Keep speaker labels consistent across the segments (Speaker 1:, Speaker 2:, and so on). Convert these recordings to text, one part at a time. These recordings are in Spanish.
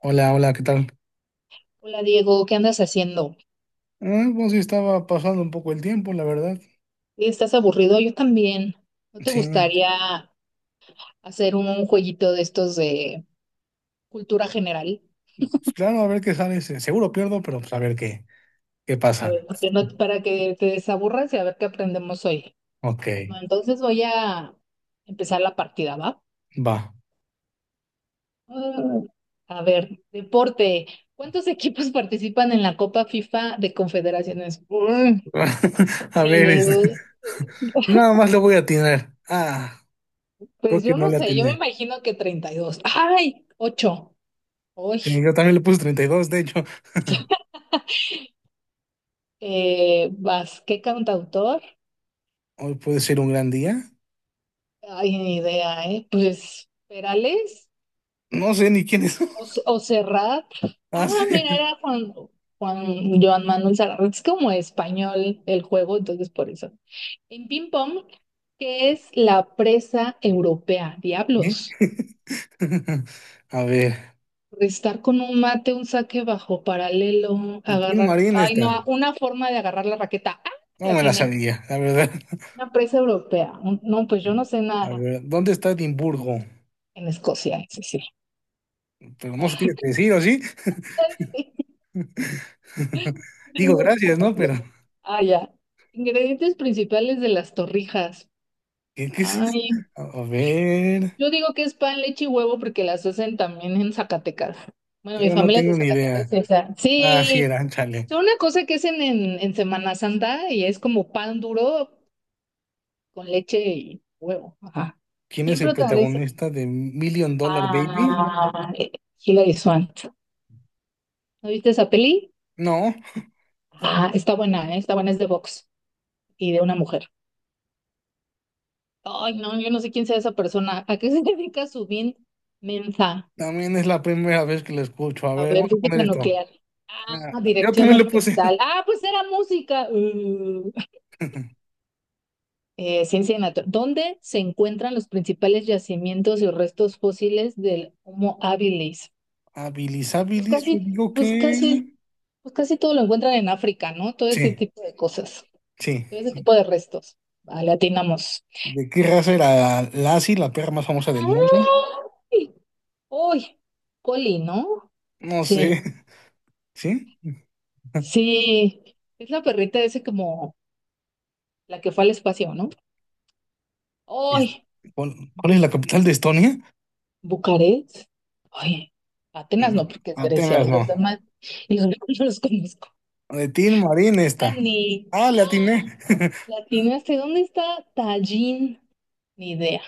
Speaker 1: Hola, hola, ¿qué tal?
Speaker 2: Hola Diego, ¿qué andas haciendo?
Speaker 1: Ah, pues sí, estaba pasando un poco el tiempo, la verdad.
Speaker 2: Sí, ¿estás aburrido? Yo también. ¿No te
Speaker 1: Sí,
Speaker 2: gustaría hacer un jueguito de estos de cultura general?
Speaker 1: pues claro, a ver qué sale. Seguro pierdo, pero pues a ver qué
Speaker 2: A ver,
Speaker 1: pasa.
Speaker 2: porque no- para que te desaburras y a ver qué aprendemos hoy.
Speaker 1: Ok,
Speaker 2: Bueno, entonces voy a empezar la partida, ¿va?
Speaker 1: va.
Speaker 2: Ah. A ver, deporte. ¿Cuántos equipos participan en la Copa FIFA de Confederaciones?
Speaker 1: A ver,
Speaker 2: Ni,
Speaker 1: este, nada más le voy a atinar. Ah, creo
Speaker 2: pues
Speaker 1: que
Speaker 2: yo
Speaker 1: no
Speaker 2: no
Speaker 1: le
Speaker 2: sé, yo me
Speaker 1: atiné.
Speaker 2: imagino que 32. ¡Ay! Ocho. ¡Ay!
Speaker 1: Sí, yo también le puse 32, de hecho.
Speaker 2: Vas, ¿qué cantautor?
Speaker 1: Hoy puede ser un gran día.
Speaker 2: Ay, ni idea, ¿eh? Pues, ¿Perales?
Speaker 1: No sé ni quién es.
Speaker 2: ¿O Serrat?
Speaker 1: Ah,
Speaker 2: Ah,
Speaker 1: sí.
Speaker 2: mira, era Juan, Juan Joan Manuel Serrat. Es como español el juego, entonces por eso. En ping pong, ¿qué es la presa europea?
Speaker 1: ¿Eh?
Speaker 2: Diablos.
Speaker 1: A ver,
Speaker 2: Estar con un mate, un saque bajo paralelo,
Speaker 1: de Tin
Speaker 2: agarrar.
Speaker 1: Marín
Speaker 2: Ay,
Speaker 1: esta.
Speaker 2: no, una forma de agarrar la raqueta. ¡Ah!
Speaker 1: No
Speaker 2: La
Speaker 1: me la
Speaker 2: tiene.
Speaker 1: sabía, la verdad.
Speaker 2: Una presa europea. No, pues yo no sé
Speaker 1: A
Speaker 2: nada
Speaker 1: ver, ¿dónde está Edimburgo?
Speaker 2: en Escocia, sí, sí.
Speaker 1: Pero no se
Speaker 2: Ah,
Speaker 1: tiene que decir, ¿o sí?
Speaker 2: sí.
Speaker 1: Digo, gracias, ¿no? Pero,
Speaker 2: Ah, ya. Ingredientes principales de las torrijas.
Speaker 1: ¿qué, qué es eso?
Speaker 2: Ay,
Speaker 1: A ver,
Speaker 2: yo digo que es pan, leche y huevo porque las hacen también en Zacatecas. Bueno, mi
Speaker 1: yo no
Speaker 2: familia es de
Speaker 1: tengo ni idea.
Speaker 2: Zacatecas, esa.
Speaker 1: Ah, sí,
Speaker 2: Sí,
Speaker 1: era, chale.
Speaker 2: son una cosa que hacen en, Semana Santa y es como pan duro con leche y huevo. Ajá.
Speaker 1: ¿Quién es
Speaker 2: ¿Quién
Speaker 1: el
Speaker 2: protagoniza?
Speaker 1: protagonista de Million Dollar Baby?
Speaker 2: Ah, Hilary Swank. ¿No viste esa peli?
Speaker 1: No,
Speaker 2: Ah, está buena, está buena, es de box y de una mujer. Ay, no, yo no sé quién sea esa persona. ¿A qué se dedica Subin Menza?
Speaker 1: también es la primera vez que lo escucho. A
Speaker 2: A
Speaker 1: ver, vamos
Speaker 2: ver,
Speaker 1: a poner
Speaker 2: física
Speaker 1: esto.
Speaker 2: nuclear.
Speaker 1: Ah,
Speaker 2: Ah,
Speaker 1: yo
Speaker 2: dirección
Speaker 1: también le puse.
Speaker 2: orquestal. Ah, pues era música. Ciencia natural. ¿Dónde se encuentran los principales yacimientos y restos fósiles del Homo habilis?
Speaker 1: Habilis
Speaker 2: Pues
Speaker 1: habilis, yo
Speaker 2: casi,
Speaker 1: digo que...
Speaker 2: pues casi, pues casi todo lo encuentran en África, ¿no? Todo ese
Speaker 1: Sí,
Speaker 2: tipo de cosas,
Speaker 1: sí.
Speaker 2: todo ese tipo de restos. Vale, atinamos.
Speaker 1: ¿De qué raza era Lassie, la perra más famosa del mundo?
Speaker 2: ¡Ay! ¡Uy! Coli, ¿no?
Speaker 1: No
Speaker 2: Sí.
Speaker 1: sé. ¿Sí?
Speaker 2: Sí, es la perrita ese como la que fue al espacio, ¿no?
Speaker 1: Es-
Speaker 2: ¡Ay!
Speaker 1: ¿Cuál es la capital de Estonia?
Speaker 2: ¿Bucarest? Ay, Atenas no, porque es Grecia,
Speaker 1: Atenas
Speaker 2: y
Speaker 1: no.
Speaker 2: los demás, y los demás no los conozco.
Speaker 1: De Tin Marín esta.
Speaker 2: Ni
Speaker 1: Ah, le atiné.
Speaker 2: latinaste, ¿dónde está Tallin? Ni idea.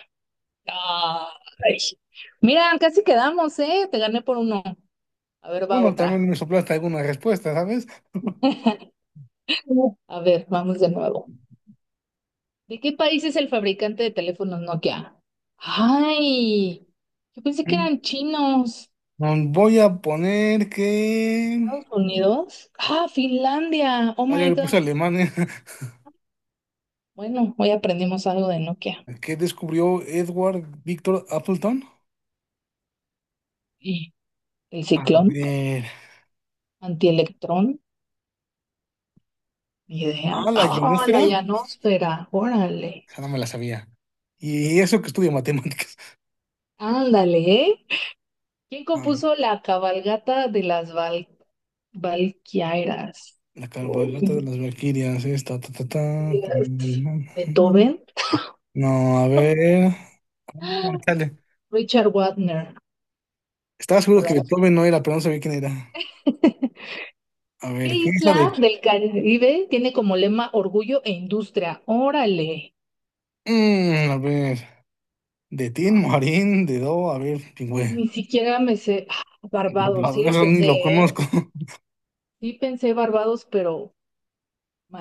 Speaker 2: Ay. Mira, casi quedamos, ¿eh? Te gané por uno. A ver, va
Speaker 1: Bueno,
Speaker 2: otra.
Speaker 1: también me soplaste alguna respuesta, ¿sabes?
Speaker 2: A ver, vamos de nuevo. ¿De qué país es el fabricante de teléfonos Nokia? Ay, yo pensé que
Speaker 1: Mm,
Speaker 2: eran chinos.
Speaker 1: Voy a poner que...
Speaker 2: Estados Unidos. Ah, Finlandia. Oh
Speaker 1: Ah, ya
Speaker 2: my
Speaker 1: le puse
Speaker 2: God.
Speaker 1: Alemania.
Speaker 2: Bueno, hoy aprendimos algo de Nokia.
Speaker 1: ¿Qué descubrió Edward Victor Appleton?
Speaker 2: Y el
Speaker 1: A
Speaker 2: ciclón,
Speaker 1: ver.
Speaker 2: antielectrón, ni
Speaker 1: Ah,
Speaker 2: idea.
Speaker 1: la
Speaker 2: Oh, la
Speaker 1: ionosfera.
Speaker 2: llanosfera. Órale.
Speaker 1: Esa no me la sabía. Y eso que estudia matemáticas.
Speaker 2: Ándale, ¿eh? ¿Quién
Speaker 1: Ah,
Speaker 2: compuso la cabalgata de las Valquirias?
Speaker 1: la cabalgata de
Speaker 2: Uy,
Speaker 1: las Valquirias. Esta, ta, ta, ta, tam, tam,
Speaker 2: Dios.
Speaker 1: tam.
Speaker 2: Beethoven.
Speaker 1: No, a ver. Ah, chale.
Speaker 2: Richard Wagner.
Speaker 1: Estaba seguro
Speaker 2: No lo
Speaker 1: que
Speaker 2: sé.
Speaker 1: Beethoven no era, pero no sabía quién era. A
Speaker 2: ¿Qué
Speaker 1: ver, ¿qué es la
Speaker 2: isla
Speaker 1: de...?
Speaker 2: del Caribe tiene como lema orgullo e industria? Órale.
Speaker 1: A ver, de Tin, Marín, de Do, a ver, pingüe.
Speaker 2: Ni siquiera me sé. Ah, Barbados, sí
Speaker 1: No,
Speaker 2: lo
Speaker 1: eso ni
Speaker 2: pensé,
Speaker 1: lo conozco.
Speaker 2: ¿eh? Sí pensé Barbados, pero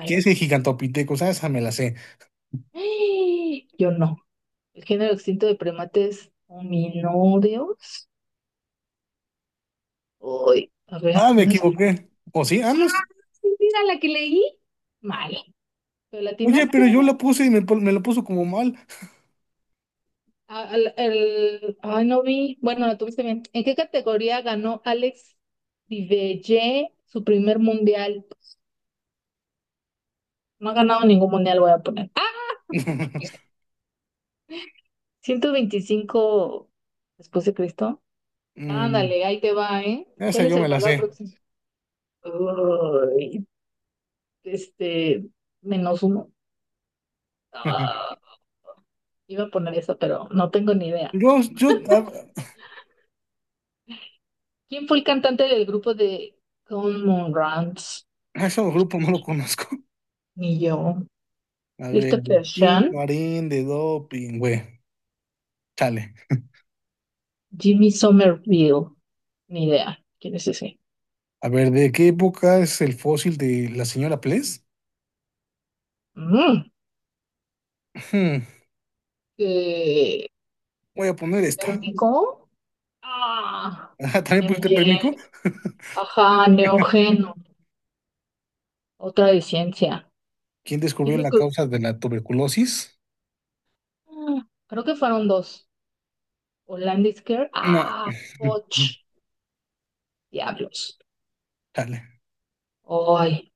Speaker 1: ¿Qué es el Gigantopithecus? Ah, esa me la sé.
Speaker 2: ¡Ay! Yo no. El género extinto de primates hominódeos. Uy, a ver,
Speaker 1: Ah, me
Speaker 2: no es.
Speaker 1: equivoqué. ¿O sí? Ah, no.
Speaker 2: Sí, mira la que leí. Mal. ¿Pero
Speaker 1: Oye,
Speaker 2: latinaste?
Speaker 1: pero yo la puse y me lo puso como mal.
Speaker 2: Ay, no vi. Bueno, la tuviste bien. ¿En qué categoría ganó Alex Divelle su primer mundial? No ha ganado ningún mundial, voy a poner. Ciento veinticinco después de Cristo.
Speaker 1: Mm,
Speaker 2: Ándale, ahí te va, ¿eh?
Speaker 1: esa
Speaker 2: ¿Cuál es
Speaker 1: yo
Speaker 2: el
Speaker 1: me la
Speaker 2: valor
Speaker 1: sé.
Speaker 2: aproximado? Uy, este, -1. Ah, iba a poner eso, pero no tengo ni idea.
Speaker 1: Yo, yo, a,
Speaker 2: ¿Quién fue el cantante del grupo de Common Runs?
Speaker 1: a ese grupo no lo conozco.
Speaker 2: Ni yo.
Speaker 1: A ver, de
Speaker 2: Christopher
Speaker 1: Tin,
Speaker 2: Shan,
Speaker 1: Marín, de Do, pingüe. Chale.
Speaker 2: Jimmy Somerville. Ni idea. ¿Quién es ese?
Speaker 1: A ver, ¿de qué época es el fósil de la señora Pless?
Speaker 2: Mm.
Speaker 1: Hmm,
Speaker 2: Eh,
Speaker 1: voy a poner esta.
Speaker 2: ¿Térmico? Ah,
Speaker 1: Ajá, ¿también pusiste
Speaker 2: Neogen.
Speaker 1: pérmico?
Speaker 2: Ajá, Neógeno. Otra de ciencia.
Speaker 1: ¿Quién
Speaker 2: ¿Quién
Speaker 1: descubrió
Speaker 2: los
Speaker 1: la
Speaker 2: co-
Speaker 1: causa de la tuberculosis?
Speaker 2: Ah, creo que fueron dos. O Landis Care.
Speaker 1: No.
Speaker 2: Ah, och, diablos.
Speaker 1: Dale.
Speaker 2: Ay,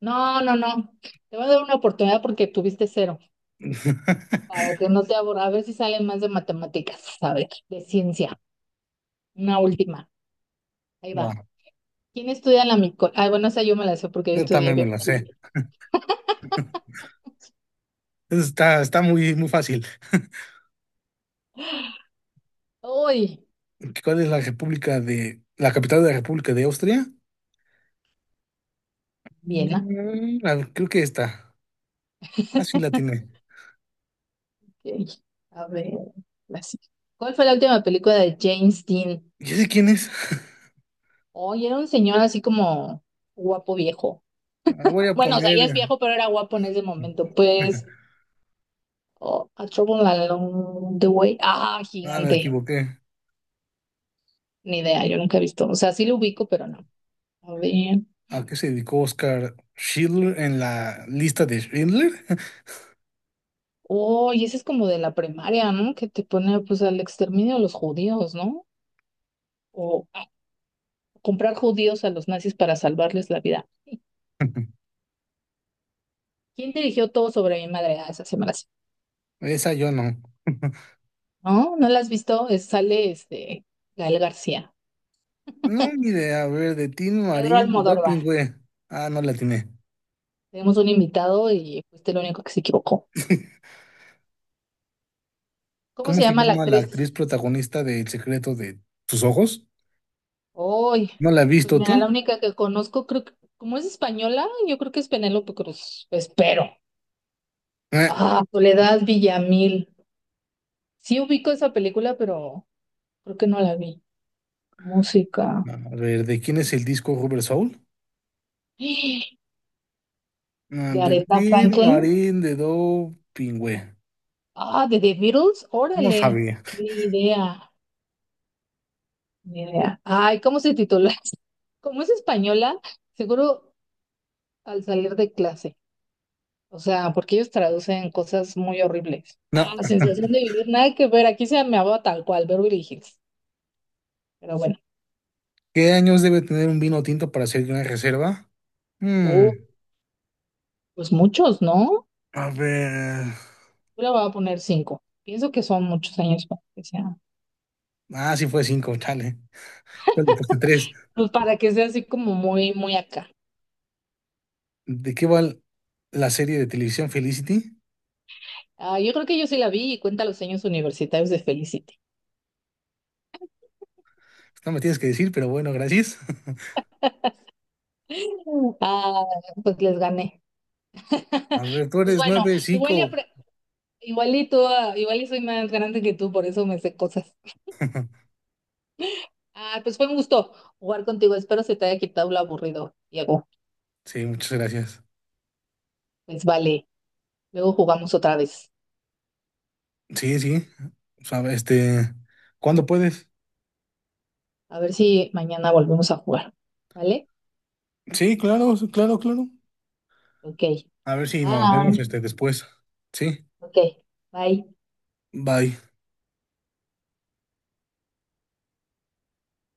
Speaker 2: no, no, no. Te voy a dar una oportunidad porque tuviste cero, para que no te aburra. A ver si sale más de matemáticas, a ver, de ciencia. Una última. Ahí
Speaker 1: Va,
Speaker 2: va. ¿Quién estudia la mico? Ah, bueno, esa yo me la sé porque yo
Speaker 1: yo
Speaker 2: estudié
Speaker 1: también me la sé.
Speaker 2: biología.
Speaker 1: Eso está, está muy, muy fácil.
Speaker 2: Uy,
Speaker 1: ¿Cuál es la república de... la capital de la República de Austria?
Speaker 2: bien, ¿ah?
Speaker 1: A ver, creo que esta. Ah, sí la tiene.
Speaker 2: Ok. A ver, la sí- ¿cuál fue la última película de James Dean?
Speaker 1: ¿Y sé quién es?
Speaker 2: Oye, era un señor así como guapo viejo.
Speaker 1: Ah, voy a
Speaker 2: Bueno, o sea,
Speaker 1: poner...
Speaker 2: ya es viejo, pero era guapo en ese momento. Pues. Oh, A Trouble Along the Way. Ah,
Speaker 1: ah, me
Speaker 2: gigante.
Speaker 1: equivoqué.
Speaker 2: Ni idea, yo nunca he visto. O sea, sí lo ubico, pero no. A ver.
Speaker 1: ¿A qué se dedicó Oscar Schindler en la lista de Schindler?
Speaker 2: Oh, y ese es como de la primaria, ¿no? Que te pone pues al exterminio de los judíos, ¿no? O a comprar judíos a los nazis para salvarles la vida. ¿Quién dirigió todo sobre mi madre? Ah, esa se me la sé.
Speaker 1: Esa yo no.
Speaker 2: ¿No? ¿No la has visto? Sale este Gael García.
Speaker 1: No, ni idea. A ver, de Tin
Speaker 2: Pedro
Speaker 1: Marín,
Speaker 2: Almodóvar.
Speaker 1: doping, güey. Ah, no la tiene.
Speaker 2: Tenemos un invitado y fuiste el único que se equivocó. ¿Cómo
Speaker 1: ¿Cómo
Speaker 2: se
Speaker 1: se
Speaker 2: llama la
Speaker 1: llama la
Speaker 2: actriz?
Speaker 1: actriz protagonista de El secreto de tus ojos?
Speaker 2: Uy,
Speaker 1: ¿No la has
Speaker 2: pues
Speaker 1: visto
Speaker 2: mira, la
Speaker 1: tú?
Speaker 2: única que conozco, creo que, como es española, yo creo que es Penélope Cruz. Espero.
Speaker 1: Eh,
Speaker 2: Ah, Soledad Villamil. Sí ubico esa película, pero creo que no la vi. Música.
Speaker 1: no. A ver, ¿de quién es el disco Rubber Soul? Ah,
Speaker 2: De
Speaker 1: de
Speaker 2: Aretha
Speaker 1: Tin
Speaker 2: Franklin.
Speaker 1: Marín, de doping, güey.
Speaker 2: Ah, de The Beatles.
Speaker 1: No
Speaker 2: Órale.
Speaker 1: sabía.
Speaker 2: Ni idea. Ni idea. Ay, ¿cómo se titula? Como es española, seguro al salir de clase. O sea, porque ellos traducen cosas muy horribles.
Speaker 1: No.
Speaker 2: Ah, La sensación de vivir, nada que ver. Aquí se me va tal cual, Beverly Hills. Pero bueno,
Speaker 1: ¿Qué años debe tener un vino tinto para ser de una reserva?
Speaker 2: uh,
Speaker 1: Hmm.
Speaker 2: pues muchos, ¿no?
Speaker 1: A ver.
Speaker 2: Yo le voy a poner cinco. Pienso que son muchos años para que sea,
Speaker 1: Ah, sí fue 5, chale. Yo le puse 3.
Speaker 2: pues para que sea así como muy, muy acá.
Speaker 1: ¿De qué va la serie de televisión Felicity?
Speaker 2: Ah, yo creo que yo sí la vi y cuenta los años universitarios de Felicity.
Speaker 1: No me tienes que decir, pero bueno, gracias.
Speaker 2: Ah, pues les gané.
Speaker 1: A ver, tú
Speaker 2: Pues
Speaker 1: eres
Speaker 2: bueno,
Speaker 1: nueve, cinco.
Speaker 2: igual y tú, igual y soy más grande que tú, por eso me sé cosas. Ah, pues fue un gusto jugar contigo. Espero se te haya quitado lo aburrido, Diego.
Speaker 1: Sí, muchas gracias.
Speaker 2: Pues vale, luego jugamos otra vez.
Speaker 1: Sí, sí. O sea, este, ¿cuándo puedes?
Speaker 2: A ver si mañana volvemos a jugar. ¿Vale?
Speaker 1: Sí, claro, sí, claro, claro.
Speaker 2: Ok.
Speaker 1: A ver si nos vemos
Speaker 2: Bye.
Speaker 1: este después. Sí,
Speaker 2: Ok. Bye.
Speaker 1: bye.